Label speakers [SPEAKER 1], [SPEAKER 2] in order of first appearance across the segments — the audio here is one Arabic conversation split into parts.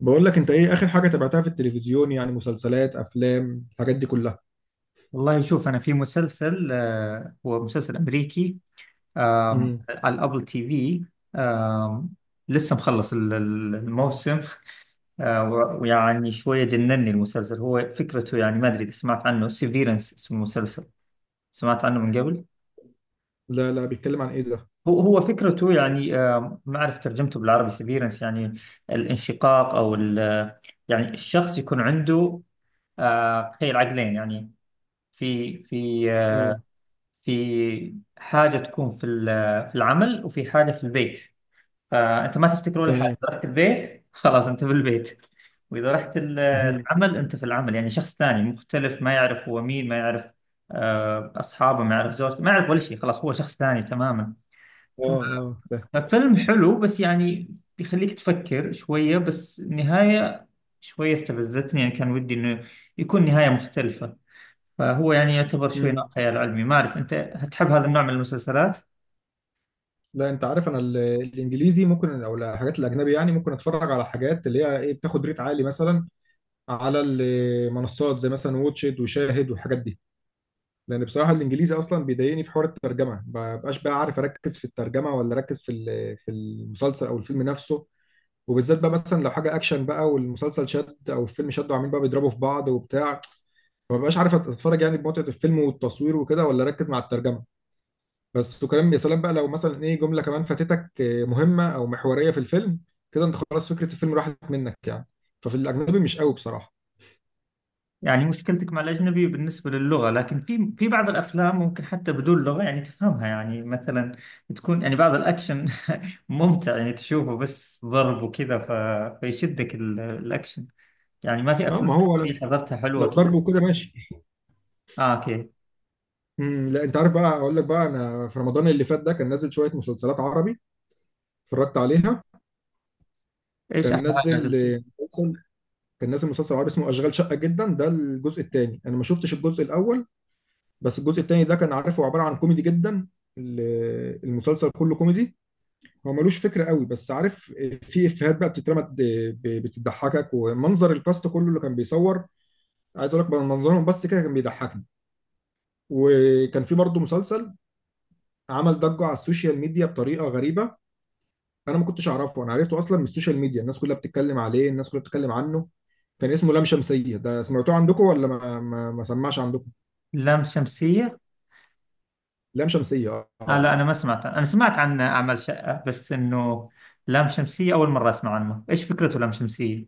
[SPEAKER 1] بقول لك انت ايه اخر حاجه تابعتها في التلفزيون؟ يعني مسلسلات، افلام، الحاجات دي كلها.
[SPEAKER 2] والله شوف انا في مسلسل هو مسلسل امريكي.
[SPEAKER 1] امم
[SPEAKER 2] على الابل تي في. آم، لسه مخلص الموسم آه، و- ويعني شويه جنني المسلسل، هو فكرته يعني ما ادري اذا سمعت عنه، سيفيرنس اسم المسلسل. سمعت عنه من قبل.
[SPEAKER 1] لا لا، بيتكلم عن ايه ده؟
[SPEAKER 2] هو فكرته يعني ما اعرف ترجمته بالعربي، سيفيرنس يعني الانشقاق يعني الشخص يكون عنده تخيل عقلين يعني. في في آه،
[SPEAKER 1] اه.
[SPEAKER 2] في حاجة تكون في العمل وفي حاجة في البيت، فأنت ما تفتكر ولا حاجة،
[SPEAKER 1] تمام.
[SPEAKER 2] إذا رحت البيت خلاص أنت في البيت، وإذا رحت
[SPEAKER 1] امم
[SPEAKER 2] العمل أنت في العمل، يعني شخص ثاني مختلف، ما يعرف هو مين، ما يعرف أصحابه، ما يعرف زوجته، ما يعرف ولا شيء، خلاص هو شخص ثاني تماما.
[SPEAKER 1] اه. اه فاهم.
[SPEAKER 2] ففيلم حلو بس يعني بيخليك تفكر شوية، بس النهاية شوية استفزتني، يعني كان ودي إنه يكون نهاية مختلفة. فهو يعني يعتبر شوي نوع
[SPEAKER 1] امم
[SPEAKER 2] خيال علمي، ما أعرف أنت هتحب هذا النوع من المسلسلات.
[SPEAKER 1] لا انت عارف انا الانجليزي ممكن، او الحاجات الاجنبي يعني ممكن اتفرج على حاجات اللي هي ايه، بتاخد ريت عالي مثلا، على المنصات زي مثلا واتشد وشاهد والحاجات دي. لان بصراحه الانجليزي اصلا بيضايقني في حوار الترجمه، ما بقاش بقى عارف اركز في الترجمه ولا اركز في في المسلسل او الفيلم نفسه. وبالذات بقى مثلا لو حاجه اكشن بقى والمسلسل شد او الفيلم شد وعاملين بقى بيضربوا في بعض وبتاع، فما بقاش عارف اتفرج يعني بمتعه الفيلم والتصوير وكده ولا اركز مع الترجمه. بس وكلام، يا سلام بقى لو مثلا ايه جمله كمان فاتتك مهمه او محوريه في الفيلم، كده انت خلاص فكره الفيلم راحت منك يعني. ففي الاجنبي مش قوي بصراحه.
[SPEAKER 2] يعني مشكلتك مع الأجنبي بالنسبة للغة، لكن في في بعض الأفلام ممكن حتى بدون لغة يعني تفهمها، يعني مثلا تكون يعني بعض الأكشن ممتع، يعني تشوفه بس ضرب وكذا فيشدك الأكشن. يعني ما في
[SPEAKER 1] اه،
[SPEAKER 2] أفلام
[SPEAKER 1] ما هو
[SPEAKER 2] أجنبية
[SPEAKER 1] لو
[SPEAKER 2] حضرتها حلوة
[SPEAKER 1] لو ضرب
[SPEAKER 2] كذا.
[SPEAKER 1] وكده ماشي.
[SPEAKER 2] آه أوكي.
[SPEAKER 1] لا انت عارف بقى، اقول لك بقى، انا في رمضان اللي فات ده كان نازل شويه مسلسلات عربي، اتفرجت عليها.
[SPEAKER 2] إيش
[SPEAKER 1] كان
[SPEAKER 2] أحلى حاجة
[SPEAKER 1] نازل
[SPEAKER 2] عجبتك؟
[SPEAKER 1] مسلسل، كان نازل مسلسل عربي اسمه اشغال شقه جدا، ده الجزء الثاني، انا ما شفتش الجزء الاول، بس الجزء الثاني ده كان عارف هو عباره عن كوميدي جدا. المسلسل كله كوميدي، هو ملوش فكره قوي بس عارف، في افيهات بقى بتترمى بتضحكك، ومنظر الكاست كله اللي كان بيصور، عايز اقول لك بقى منظرهم بس كده كان بيضحكني. وكان في برضه مسلسل عمل ضجه على السوشيال ميديا بطريقه غريبه. انا ما كنتش اعرفه، انا عرفته اصلا من السوشيال ميديا، الناس كلها بتتكلم عليه، الناس كلها بتتكلم عنه. كان اسمه لام شمسيه، ده سمعتوه عندكم ولا ما سمعش عندكم؟
[SPEAKER 2] لام شمسية؟
[SPEAKER 1] لام شمسية
[SPEAKER 2] آه
[SPEAKER 1] اه.
[SPEAKER 2] لا، أنا ما سمعت عنه. أنا سمعت عن أعمال شقة بس إنه لام شمسية أول مرة أسمع عنه، إيش فكرته لام شمسية؟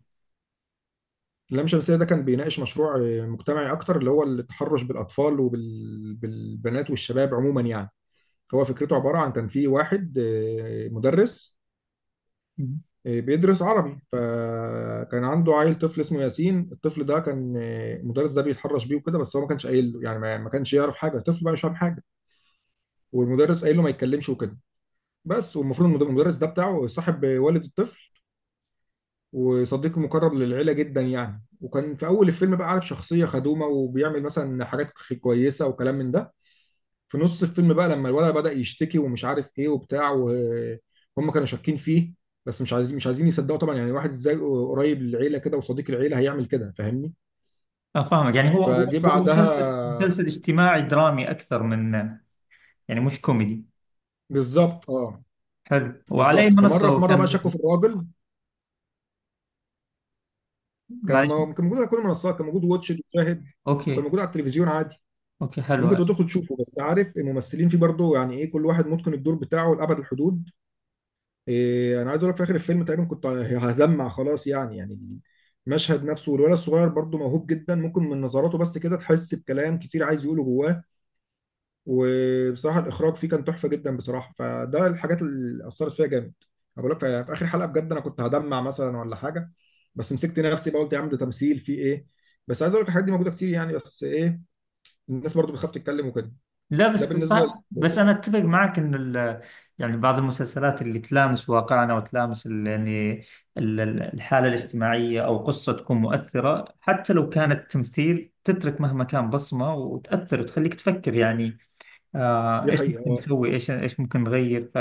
[SPEAKER 1] لام شمسية ده كان بيناقش مشروع مجتمعي أكتر، اللي هو التحرش بالأطفال وبالبنات والشباب عموما يعني. هو فكرته عبارة عن كان في واحد مدرس، بيدرس عربي، فكان عنده عيل طفل اسمه ياسين، الطفل ده كان المدرس ده بيتحرش بيه وكده، بس هو ما كانش قايل له يعني، ما كانش يعرف حاجة، الطفل بقى مش فاهم حاجة، والمدرس قايل له ما يتكلمش وكده بس. والمفروض المدرس ده بتاعه صاحب والد الطفل وصديق مقرب للعيلة جدا يعني، وكان في أول الفيلم بقى عارف شخصية خدومة وبيعمل مثلا حاجات كويسة وكلام من ده. في نص الفيلم بقى لما الولد بدأ يشتكي ومش عارف إيه وبتاع، وهم كانوا شاكين فيه بس مش عايزين، مش عايزين يصدقوا طبعا، يعني واحد ازاي قريب للعيلة كده وصديق العيلة هيعمل كده، فاهمني؟
[SPEAKER 2] فاهمك، يعني هو هو
[SPEAKER 1] فجه
[SPEAKER 2] هو مسلسل
[SPEAKER 1] بعدها.
[SPEAKER 2] اجتماعي درامي أكثر من يعني مش كوميدي.
[SPEAKER 1] بالظبط اه.
[SPEAKER 2] حلو، وعلى أي
[SPEAKER 1] بالظبط،
[SPEAKER 2] منصة
[SPEAKER 1] فمره في
[SPEAKER 2] هو
[SPEAKER 1] مره
[SPEAKER 2] كان
[SPEAKER 1] بقى شكوا
[SPEAKER 2] موجود؟
[SPEAKER 1] في الراجل.
[SPEAKER 2] معلش.
[SPEAKER 1] كان موجود على كل المنصات، كان موجود واتش إت وشاهد، كان
[SPEAKER 2] أوكي.
[SPEAKER 1] موجود على التلفزيون عادي.
[SPEAKER 2] أوكي
[SPEAKER 1] ممكن
[SPEAKER 2] حلو.
[SPEAKER 1] تبقى تدخل تشوفه، بس عارف الممثلين فيه برضه يعني ايه، كل واحد متقن الدور بتاعه لأبعد الحدود. إيه، انا عايز اقول لك في اخر الفيلم تقريبا كنت هدمع خلاص يعني، يعني المشهد نفسه، والولد الصغير برضه موهوب جدا، ممكن من نظراته بس كده تحس بكلام كتير عايز يقوله جواه. وبصراحة الإخراج فيه كان تحفة جدا بصراحة، فده الحاجات اللي أثرت فيها جامد. أنا بقول لك في في آخر حلقة بجد أنا كنت هدمع مثلا ولا حاجة، بس مسكت نفسي بقى قلت يا عم ده تمثيل فيه إيه. بس عايز أقول لك الحاجات دي موجودة كتير يعني، بس إيه، الناس برضه بتخاف تتكلم وكده.
[SPEAKER 2] لا بس
[SPEAKER 1] ده بالنسبة.
[SPEAKER 2] طيب، بس أنا أتفق معك إن يعني بعض المسلسلات اللي تلامس واقعنا وتلامس ال، يعني الحالة الاجتماعية أو قصة تكون مؤثرة حتى لو كانت تمثيل، تترك مهما كان بصمة وتأثر وتخليك تفكر، يعني آه
[SPEAKER 1] دي
[SPEAKER 2] إيش
[SPEAKER 1] حقيقة
[SPEAKER 2] ممكن
[SPEAKER 1] اه.
[SPEAKER 2] نسوي، إيش ممكن نغير.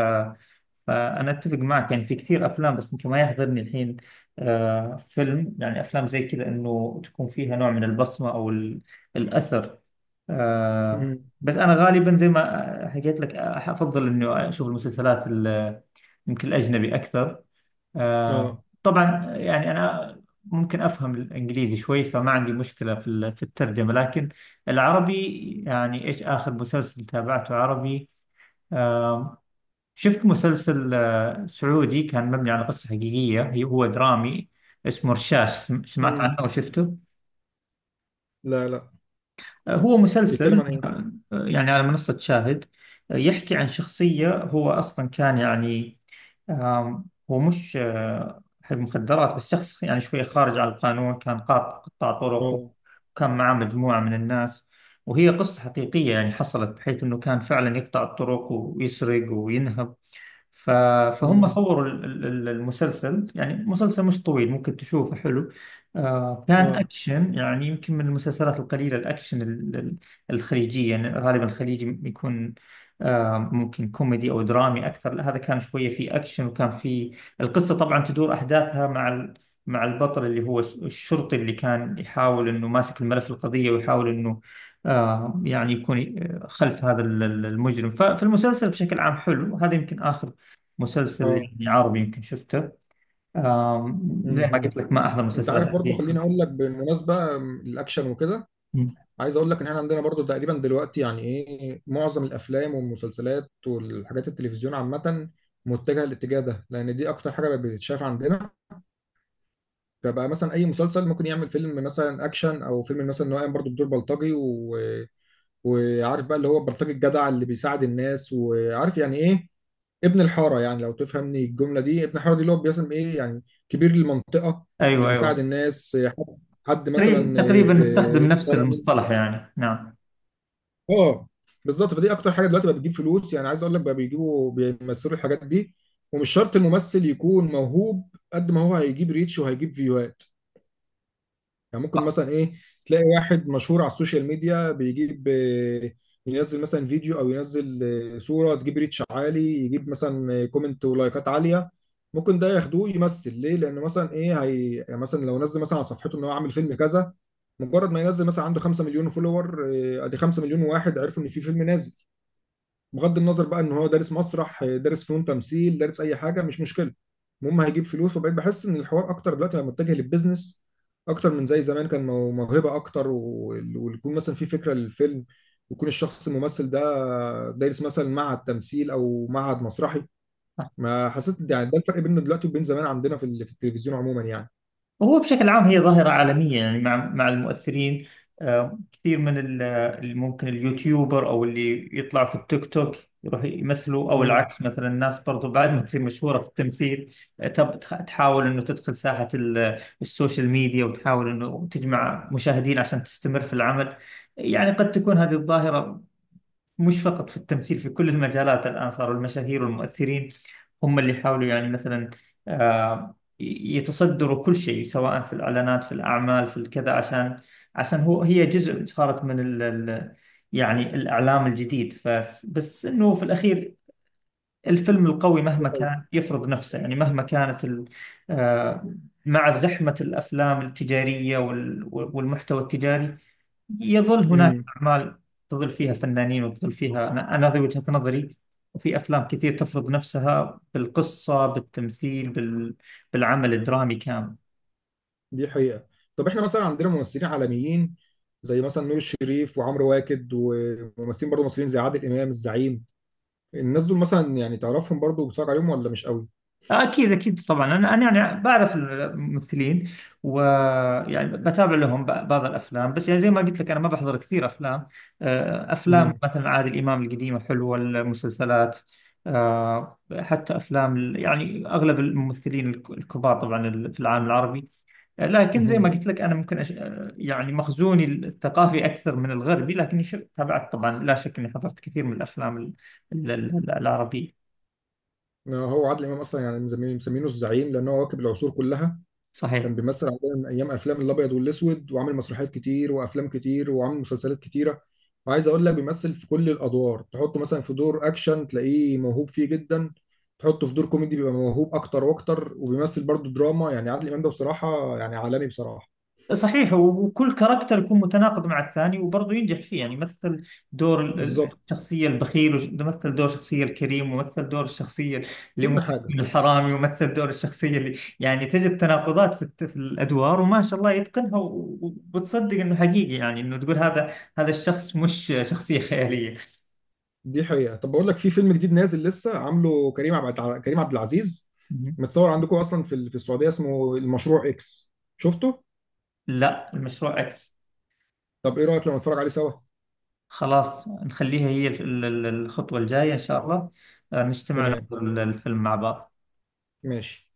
[SPEAKER 2] فأنا أتفق معك يعني في كثير أفلام، بس ممكن ما يحضرني الحين فيلم، يعني أفلام زي كذا إنه تكون فيها نوع من البصمة أو الأثر. آه.
[SPEAKER 1] مم.
[SPEAKER 2] بس أنا غالبا زي ما حكيت لك أفضل إنه أشوف المسلسلات، يمكن الأجنبي أكثر. آه
[SPEAKER 1] اه.
[SPEAKER 2] طبعا يعني أنا ممكن أفهم الإنجليزي شوي، فما عندي مشكلة في الترجمة، لكن العربي يعني إيش آخر مسلسل تابعته عربي؟ آه، شفت مسلسل سعودي كان مبني على قصة حقيقية، هو درامي اسمه رشاش، سمعت
[SPEAKER 1] مم.
[SPEAKER 2] عنه أو شفته؟
[SPEAKER 1] لا لا،
[SPEAKER 2] هو
[SPEAKER 1] بيتكلم
[SPEAKER 2] مسلسل
[SPEAKER 1] عن ايه؟
[SPEAKER 2] يعني على منصة شاهد. يحكي عن شخصية هو أصلا كان يعني آم، هو مش حق مخدرات، بس شخص يعني شوية خارج على القانون، كان قطاع طرق
[SPEAKER 1] اه.
[SPEAKER 2] وكان معاه مجموعة من الناس، وهي قصة حقيقية يعني حصلت، بحيث أنه كان فعلا يقطع الطرق ويسرق وينهب. ف- فهم
[SPEAKER 1] مم.
[SPEAKER 2] صوروا المسلسل، يعني مسلسل مش طويل ممكن تشوفه حلو. آه كان
[SPEAKER 1] اه.
[SPEAKER 2] أكشن، يعني يمكن من المسلسلات القليلة الأكشن الخليجية، يعني غالبا الخليجي يكون آه ممكن كوميدي أو درامي أكثر. لا، هذا كان شوية فيه أكشن وكان فيه القصة، طبعا تدور أحداثها مع مع البطل اللي هو الشرطي اللي كان يحاول انه ماسك الملف القضية، ويحاول انه آه يعني يكون خلف هذا المجرم. ففي المسلسل بشكل عام حلو، هذا يمكن آخر مسلسل
[SPEAKER 1] اه.
[SPEAKER 2] يعني عربي يمكن شفته. آم، زي ما قلت
[SPEAKER 1] مم.
[SPEAKER 2] لك ما أحضر
[SPEAKER 1] انت عارف
[SPEAKER 2] مسلسلات
[SPEAKER 1] برضو،
[SPEAKER 2] حديثة.
[SPEAKER 1] خليني اقول لك بالمناسبة الاكشن وكده،
[SPEAKER 2] أمم.
[SPEAKER 1] عايز اقول لك ان احنا عندنا برضو تقريبا دلوقتي، يعني ايه، معظم الافلام والمسلسلات والحاجات التلفزيون عامة متجهة الاتجاه ده، لان دي اكتر حاجة بقت بتتشاف عندنا. فبقى مثلا اي مسلسل ممكن يعمل فيلم مثلا اكشن، او فيلم مثلا ان هو قايم برضو بدور بلطجي، و... وعارف بقى اللي هو بلطجي الجدع اللي بيساعد الناس، وعارف يعني ايه ابن الحاره، يعني لو تفهمني الجمله دي، ابن الحاره دي اللي هو بيسم ايه يعني كبير المنطقه اللي
[SPEAKER 2] أيوه
[SPEAKER 1] بيساعد
[SPEAKER 2] أيوه،
[SPEAKER 1] الناس، حد، حد مثلا
[SPEAKER 2] تقريبا تقريبا
[SPEAKER 1] ات-
[SPEAKER 2] نستخدم نفس
[SPEAKER 1] اتسرق منه.
[SPEAKER 2] المصطلح يعني نعم.
[SPEAKER 1] اه، بالظبط، فدي اكتر حاجه دلوقتي بقى بتجيب فلوس، يعني عايز اقول لك بقى بيجيبوا بيمثلوا الحاجات دي. ومش شرط الممثل يكون موهوب، قد ما هو هيجيب ريتش وهيجيب فيوهات. يعني ممكن مثلا ايه تلاقي واحد مشهور على السوشيال ميديا، بيجيب ينزل مثلا فيديو او ينزل صورة تجيب ريتش عالي، يجيب مثلا كومنت ولايكات عالية، ممكن ده ياخدوه يمثل، ليه؟ لان مثلا ايه، هي يعني مثلا لو نزل مثلا على صفحته ان هو عامل فيلم كذا، مجرد ما ينزل مثلا عنده 5 مليون فولور، ادي 5 مليون واحد عرفوا ان في فيلم نازل. بغض النظر بقى ان هو دارس مسرح، دارس فنون تمثيل، دارس اي حاجه، مش مشكله، المهم هيجيب فلوس. وبقيت بحس ان الحوار اكتر دلوقتي بقى متجه للبيزنس اكتر من زي زمان كان موهبه اكتر، و- ويكون مثلا في فكره للفيلم، ويكون الشخص الممثل ده دارس مثلا معهد تمثيل او معهد مسرحي. ما حسيت، يعني ده الفرق بينه دلوقتي وبين زمان عندنا في في التلفزيون عموما يعني.
[SPEAKER 2] هو بشكل عام هي ظاهرة عالمية، يعني مع المؤثرين كثير من ممكن اليوتيوبر أو اللي يطلع في التيك توك يروح يمثلوا، أو
[SPEAKER 1] مم.
[SPEAKER 2] العكس مثلا الناس برضو بعد ما تصير مشهورة في التمثيل تحاول إنه تدخل ساحة السوشيال ميديا وتحاول إنه تجمع مشاهدين عشان تستمر في العمل. يعني قد تكون هذه الظاهرة مش فقط في التمثيل، في كل المجالات الآن صاروا المشاهير والمؤثرين هم اللي يحاولوا، يعني مثلا يتصدروا كل شيء سواء في الإعلانات في الأعمال في الكذا، عشان هو هي جزء صارت من ال ال يعني الإعلام الجديد. بس إنه في الأخير الفيلم القوي
[SPEAKER 1] دي
[SPEAKER 2] مهما كان يفرض نفسه، يعني مهما كانت ال آه، مع زحمة الأفلام التجارية والمحتوى التجاري، يظل هناك
[SPEAKER 1] حقيقة.
[SPEAKER 2] أعمال تظل فيها فنانين وتظل فيها، أنا هذه وجهة نظري. وفي أفلام كثير تفرض نفسها بالقصة بالتمثيل بالعمل الدرامي كامل.
[SPEAKER 1] دي حقيقة. طب احنا مثلا عندنا ممثلين عالميين زي مثلا نور الشريف وعمرو واكد، وممثلين برضه مصريين زي عادل امام الزعيم، الناس دول مثلا يعني تعرفهم برضه وبتتفرج عليهم ولا مش قوي؟
[SPEAKER 2] أكيد أكيد طبعا، أنا يعني بعرف الممثلين ويعني بتابع لهم بعض الأفلام، بس يعني زي ما قلت لك أنا ما بحضر كثير أفلام. أفلام
[SPEAKER 1] امم
[SPEAKER 2] مثلا عادل إمام القديمة حلوة، المسلسلات حتى أفلام يعني أغلب الممثلين الكبار طبعا في العالم العربي، يعني لكن زي ما
[SPEAKER 1] امم
[SPEAKER 2] قلت لك أنا ممكن يعني مخزوني الثقافي أكثر من الغربي، لكني تابعت طبعا، لا شك أني حضرت كثير من الأفلام العربية.
[SPEAKER 1] هو عادل امام اصلا يعني مسمينه، مسمينه الزعيم، لان هو واكب العصور كلها.
[SPEAKER 2] صحيح.
[SPEAKER 1] كان بيمثل عندنا من ايام افلام الابيض والاسود، وعامل مسرحيات كتير، وافلام كتير، وعامل مسلسلات كتيره. وعايز اقول لك بيمثل في كل الادوار، تحطه مثلا في دور اكشن تلاقيه موهوب فيه جدا، تحطه في دور كوميدي بيبقى موهوب اكتر واكتر، وبيمثل برضه دراما، يعني عادل امام ده بصراحه يعني عالمي بصراحه.
[SPEAKER 2] صحيح، وكل كاركتر يكون متناقض مع الثاني وبرضه ينجح فيه، يعني مثل دور
[SPEAKER 1] بالظبط،
[SPEAKER 2] الشخصية البخيل، ومثل دور الشخصية الكريم، ومثل دور الشخصية اللي
[SPEAKER 1] كل
[SPEAKER 2] ممكن
[SPEAKER 1] حاجه.
[SPEAKER 2] تكون الحرامي، ومثل دور الشخصية اللي يعني تجد تناقضات في، في الأدوار وما شاء الله يتقنها وبتصدق إنه حقيقي، يعني إنه تقول هذا الشخص مش شخصية خيالية.
[SPEAKER 1] دي حقيقه. طب بقول لك في فيلم جديد نازل لسه عامله كريم عبد، كريم عبد العزيز
[SPEAKER 2] مهم.
[SPEAKER 1] متصور عندكم اصلا في في السعوديه، اسمه المشروع اكس، شفته؟
[SPEAKER 2] لا، المشروع إكس.
[SPEAKER 1] طب ايه رايك لو نتفرج عليه سوا؟
[SPEAKER 2] خلاص نخليها هي الخطوة الجاية إن شاء الله، نجتمع
[SPEAKER 1] تمام،
[SPEAKER 2] نحضر الفيلم مع بعض.
[SPEAKER 1] ماشي.